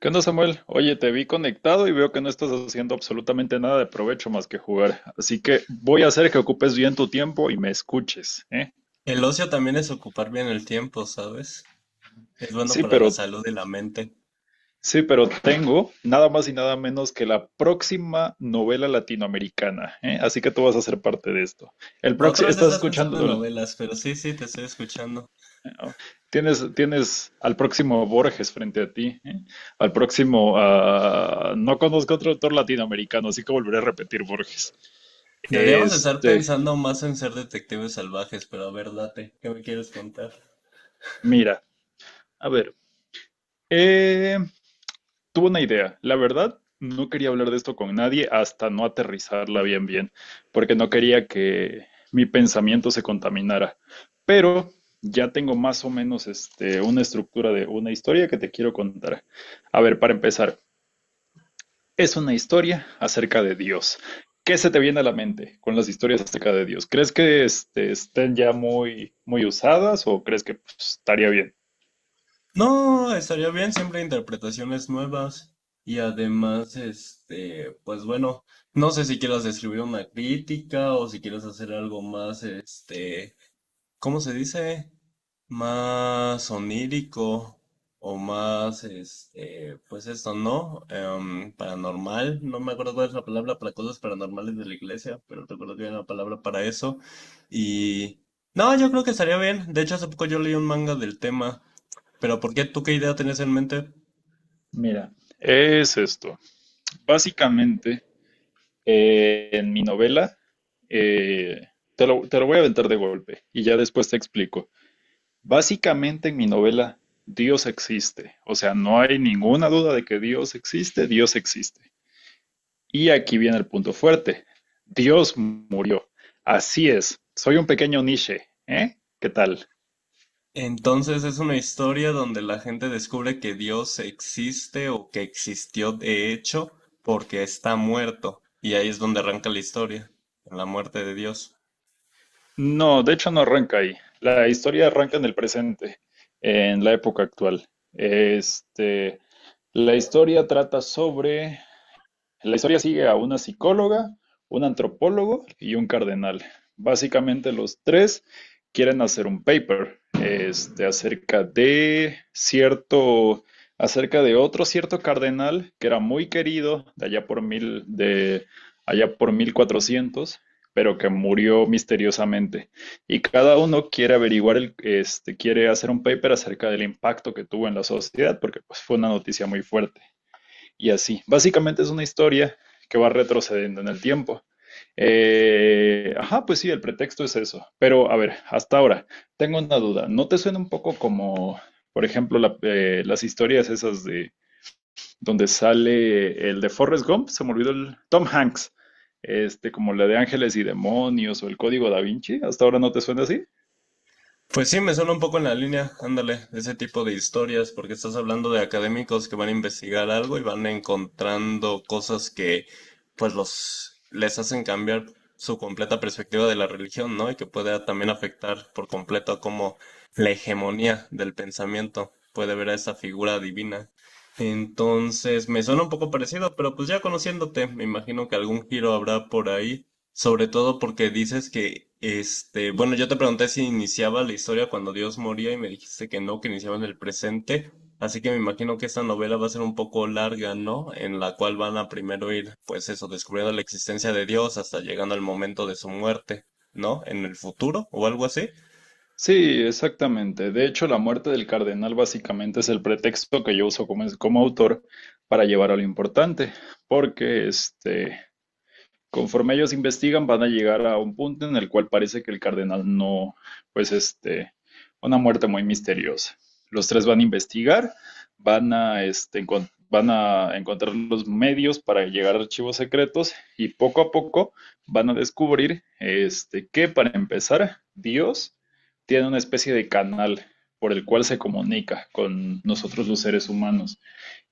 ¿Qué onda, Samuel? Oye, te vi conectado y veo que no estás haciendo absolutamente nada de provecho más que jugar. Así que voy a hacer que ocupes bien tu tiempo y me escuches, ¿eh? El ocio también es ocupar bien el tiempo, ¿sabes? Es bueno Sí, para la pero, salud y la mente. sí, pero tengo nada más y nada menos que la próxima novela latinoamericana, ¿eh? Así que tú vas a ser parte de esto. El Otra próximo, vez estás estás pensando en escuchando, novelas, pero sí, sí, te estoy escuchando. tienes al próximo Borges frente a ti, ¿eh? Al próximo, no conozco otro autor latinoamericano, así que volveré a repetir Borges. Deberíamos estar Este, pensando más en ser detectives salvajes, pero a ver, date, ¿qué me quieres contar? mira. A ver, eh, tuve una idea. La verdad, no quería hablar de esto con nadie hasta no aterrizarla bien, bien, porque no quería que mi pensamiento se contaminara. Pero ya tengo más o menos una estructura de una historia que te quiero contar. A ver, para empezar, es una historia acerca de Dios. ¿Qué se te viene a la mente con las historias acerca de Dios? ¿Crees que estén ya muy, muy usadas o crees que pues, estaría bien? No, estaría bien siempre interpretaciones nuevas. Y además, este, pues bueno, no sé si quieras escribir una crítica o si quieres hacer algo más, este, ¿cómo se dice? Más onírico o más, este, pues esto, ¿no? Paranormal, no me acuerdo cuál es la palabra para cosas paranormales de la iglesia, pero recuerdo que había una palabra para eso. Y no, yo creo que estaría bien. De hecho, hace poco yo leí un manga del tema, pero ¿por qué tú qué idea tenés en mente? Mira, es esto. Básicamente, en mi novela, eh, te lo voy a aventar de golpe y ya después te explico. Básicamente en mi novela, Dios existe. O sea, no hay ninguna duda de que Dios existe, Dios existe. Y aquí viene el punto fuerte. Dios murió. Así es. Soy un pequeño Nietzsche. ¿Eh? ¿Qué tal? Entonces es una historia donde la gente descubre que Dios existe o que existió de hecho porque está muerto. Y ahí es donde arranca la historia, en la muerte de Dios. No, de hecho no arranca ahí. La historia arranca en el presente, en la época actual. Este, La historia trata sobre... La historia sigue a una psicóloga, un antropólogo y un cardenal. Básicamente los tres quieren hacer un paper acerca de acerca de otro cierto cardenal que era muy querido de allá por mil, de allá por 1400, pero que murió misteriosamente. Y cada uno quiere averiguar, quiere hacer un paper acerca del impacto que tuvo en la sociedad, porque pues, fue una noticia muy fuerte y así. Básicamente es una historia que va retrocediendo en el tiempo. Ajá, pues sí, el pretexto es eso. Pero a ver, hasta ahora, tengo una duda. ¿No te suena un poco como, por ejemplo, las historias esas de donde sale el de Forrest Gump? Se me olvidó el Tom Hanks. Como la de Ángeles y Demonios o el Código Da Vinci. ¿Hasta ahora no te suena así? Pues sí, me suena un poco en la línea, ándale, ese tipo de historias, porque estás hablando de académicos que van a investigar algo y van encontrando cosas que pues los les hacen cambiar su completa perspectiva de la religión, ¿no? Y que puede también afectar por completo a cómo la hegemonía del pensamiento puede ver a esa figura divina. Entonces, me suena un poco parecido, pero pues ya conociéndote, me imagino que algún giro habrá por ahí. Sobre todo porque dices que, este, bueno, yo te pregunté si iniciaba la historia cuando Dios moría y me dijiste que no, que iniciaba en el presente. Así que me imagino que esta novela va a ser un poco larga, ¿no? En la cual van a primero ir, pues eso, descubriendo la existencia de Dios hasta llegando al momento de su muerte, ¿no? En el futuro o algo así, Sí, exactamente. De hecho, la muerte del cardenal básicamente es el pretexto que yo uso como autor para llevar a lo importante, porque conforme ellos investigan, van a llegar a un punto en el cual parece que el cardenal no, pues una muerte muy misteriosa. Los tres van a investigar, van a, van a encontrar los medios para llegar a archivos secretos y poco a poco van a descubrir que para empezar, Dios tiene una especie de canal por el cual se comunica con nosotros los seres humanos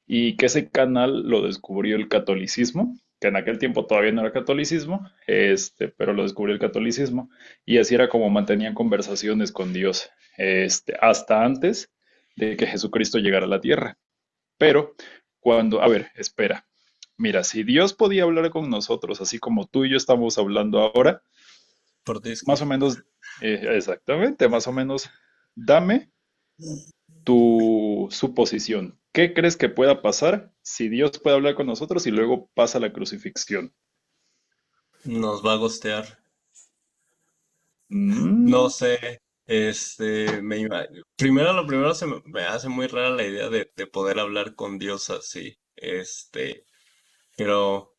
y que ese canal lo descubrió el catolicismo, que en aquel tiempo todavía no era catolicismo, pero lo descubrió el catolicismo, y así era como mantenían conversaciones con Dios, hasta antes de que Jesucristo llegara a la tierra. Pero a ver, espera, mira, si Dios podía hablar con nosotros, así como tú y yo estamos hablando ahora, por Discord. más o menos, exactamente, más o menos, dame tu suposición. ¿Qué crees que pueda pasar si Dios puede hablar con nosotros y luego pasa la crucifixión? Nos va a gostear. No Mm, sé, este, primero lo primero se me hace muy rara la idea de poder hablar con Dios así. Este, pero,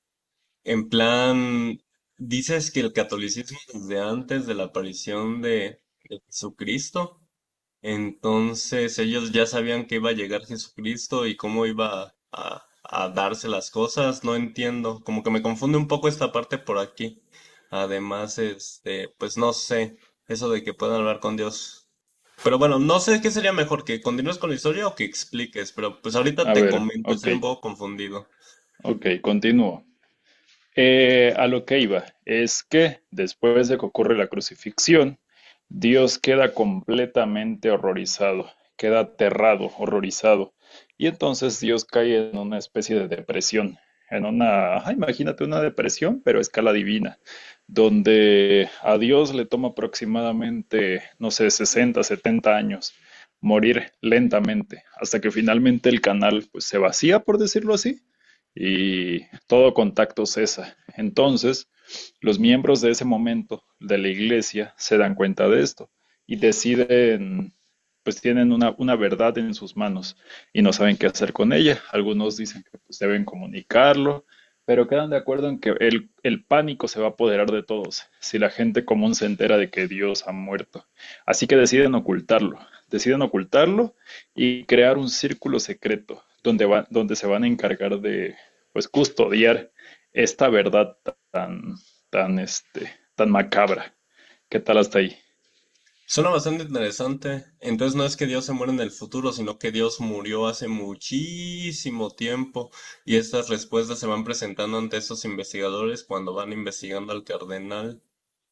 en plan, dices que el catolicismo desde antes de la aparición de Jesucristo, entonces ellos ya sabían que iba a llegar Jesucristo y cómo iba a darse las cosas, no entiendo, como que me confunde un poco esta parte por aquí. Además, este, pues no sé, eso de que puedan hablar con Dios. Pero bueno, no sé qué sería mejor, que continúes con la historia o que expliques, pero pues ahorita a te ver, comento, ok, estoy un poco confundido. ok, continúo. A lo que iba es que después de que ocurre la crucifixión, Dios queda completamente horrorizado, queda aterrado, horrorizado. Y entonces Dios cae en una especie de depresión, en una, ajá, imagínate una depresión, pero a escala divina, donde a Dios le toma aproximadamente, no sé, 60, 70 años morir lentamente, hasta que finalmente el canal pues, se vacía, por decirlo así, y todo contacto cesa. Entonces, los miembros de ese momento de la iglesia se dan cuenta de esto y deciden, pues tienen una verdad en sus manos y no saben qué hacer con ella. Algunos dicen que pues, deben comunicarlo, pero quedan de acuerdo en que pánico se va a apoderar de todos si la gente común se entera de que Dios ha muerto. Así que deciden ocultarlo y crear un círculo secreto donde se van a encargar de, pues custodiar esta verdad tan, tan macabra. ¿Qué tal hasta ahí? Suena bastante interesante. Entonces no es que Dios se muera en el futuro, sino que Dios murió hace muchísimo tiempo y estas respuestas se van presentando ante estos investigadores cuando van investigando al cardenal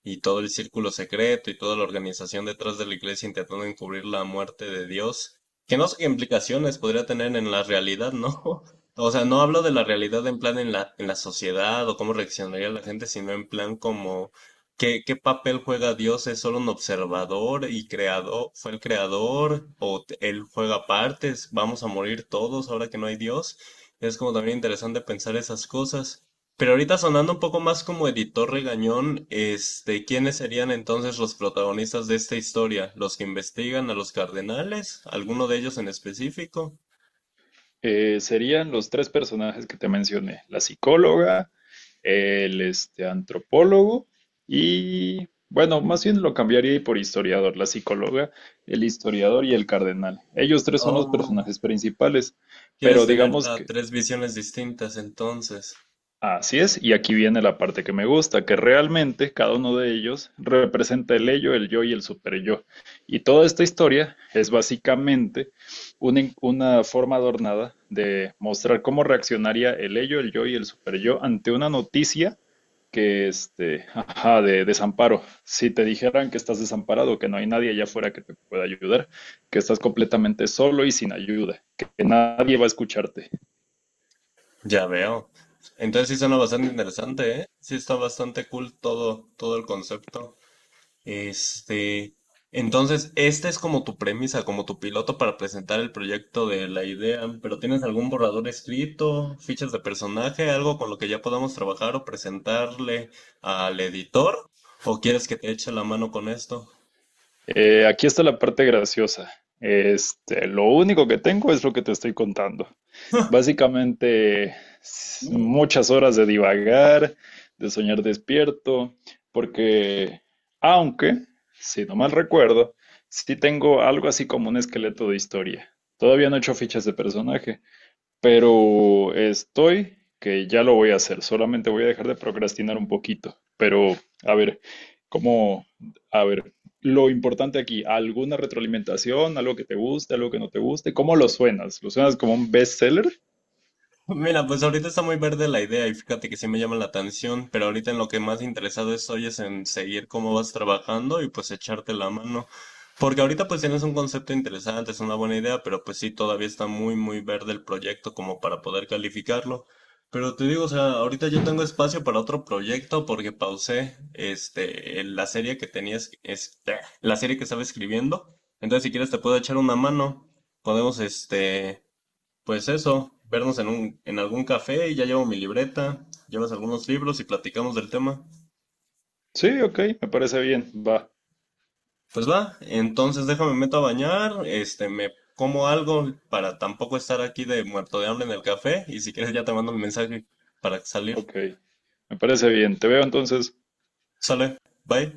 y todo el círculo secreto y toda la organización detrás de la iglesia intentando encubrir la muerte de Dios, que no sé qué implicaciones podría tener en la realidad, ¿no? O sea, no hablo de la realidad en plan en la sociedad o cómo reaccionaría la gente, sino en plan como ¿qué, qué papel juega Dios? ¿Es solo un observador y creador? ¿Fue el creador? ¿O él juega partes? ¿Vamos a morir todos ahora que no hay Dios? Es como también interesante pensar esas cosas. Pero ahorita sonando un poco más como editor regañón, este, ¿quiénes serían entonces los protagonistas de esta historia? ¿Los que investigan a los cardenales? ¿Alguno de ellos en específico? Serían los tres personajes que te mencioné, la psicóloga, antropólogo y, bueno, más bien lo cambiaría por historiador, la psicóloga, el historiador y el cardenal. Ellos tres son los Oh, personajes principales, quieres pero tener digamos que tres visiones distintas entonces. así es, y aquí viene la parte que me gusta, que realmente cada uno de ellos representa el ello, el yo y el superyo. Y toda esta historia es básicamente una forma adornada de mostrar cómo reaccionaría el ello, el yo y el superyo ante una noticia que, ajá, de desamparo. Si te dijeran que estás desamparado, que no hay nadie allá afuera que te pueda ayudar, que estás completamente solo y sin ayuda, que nadie va a escucharte. Ya veo. Entonces sí suena bastante interesante, ¿eh? Sí está bastante cool todo, todo el concepto. Este, entonces, esta es como tu premisa, como tu piloto para presentar el proyecto de la idea, pero ¿tienes algún borrador escrito, fichas de personaje, algo con lo que ya podamos trabajar o presentarle al editor? ¿O quieres que te eche la mano con esto? Aquí está la parte graciosa. Lo único que tengo es lo que te estoy contando. Básicamente, muchas horas de divagar, de soñar despierto, porque, aunque, si no mal recuerdo, sí tengo algo así como un esqueleto de historia. Todavía no he hecho fichas de personaje, pero estoy que ya lo voy a hacer, solamente voy a dejar de procrastinar un poquito. Pero, a ver, ¿cómo? A ver, lo importante aquí, ¿alguna retroalimentación? ¿Algo que te guste, algo que no te guste? ¿Cómo lo suenas? ¿Lo suenas como un bestseller? Mira, pues ahorita está muy verde la idea y fíjate que sí me llama la atención, pero ahorita en lo que más interesado estoy es en seguir cómo vas trabajando y pues echarte la mano. Porque ahorita pues tienes un concepto interesante, es una buena idea, pero pues sí, todavía está muy, muy verde el proyecto como para poder calificarlo. Pero te digo, o sea, ahorita yo tengo espacio para otro proyecto porque pausé este, la serie que tenías, este, la serie que estaba escribiendo. Entonces, si quieres te puedo echar una mano. Podemos, este... Pues eso, vernos en un, en algún café y ya llevo mi libreta, llevas algunos libros y platicamos del tema. Sí, ok, me parece bien, va, Pues va, entonces déjame meto a bañar, este, me como algo para tampoco estar aquí de muerto de hambre en el café y si quieres ya te mando un mensaje para salir. ok, me parece bien. Te veo entonces. Sale, bye.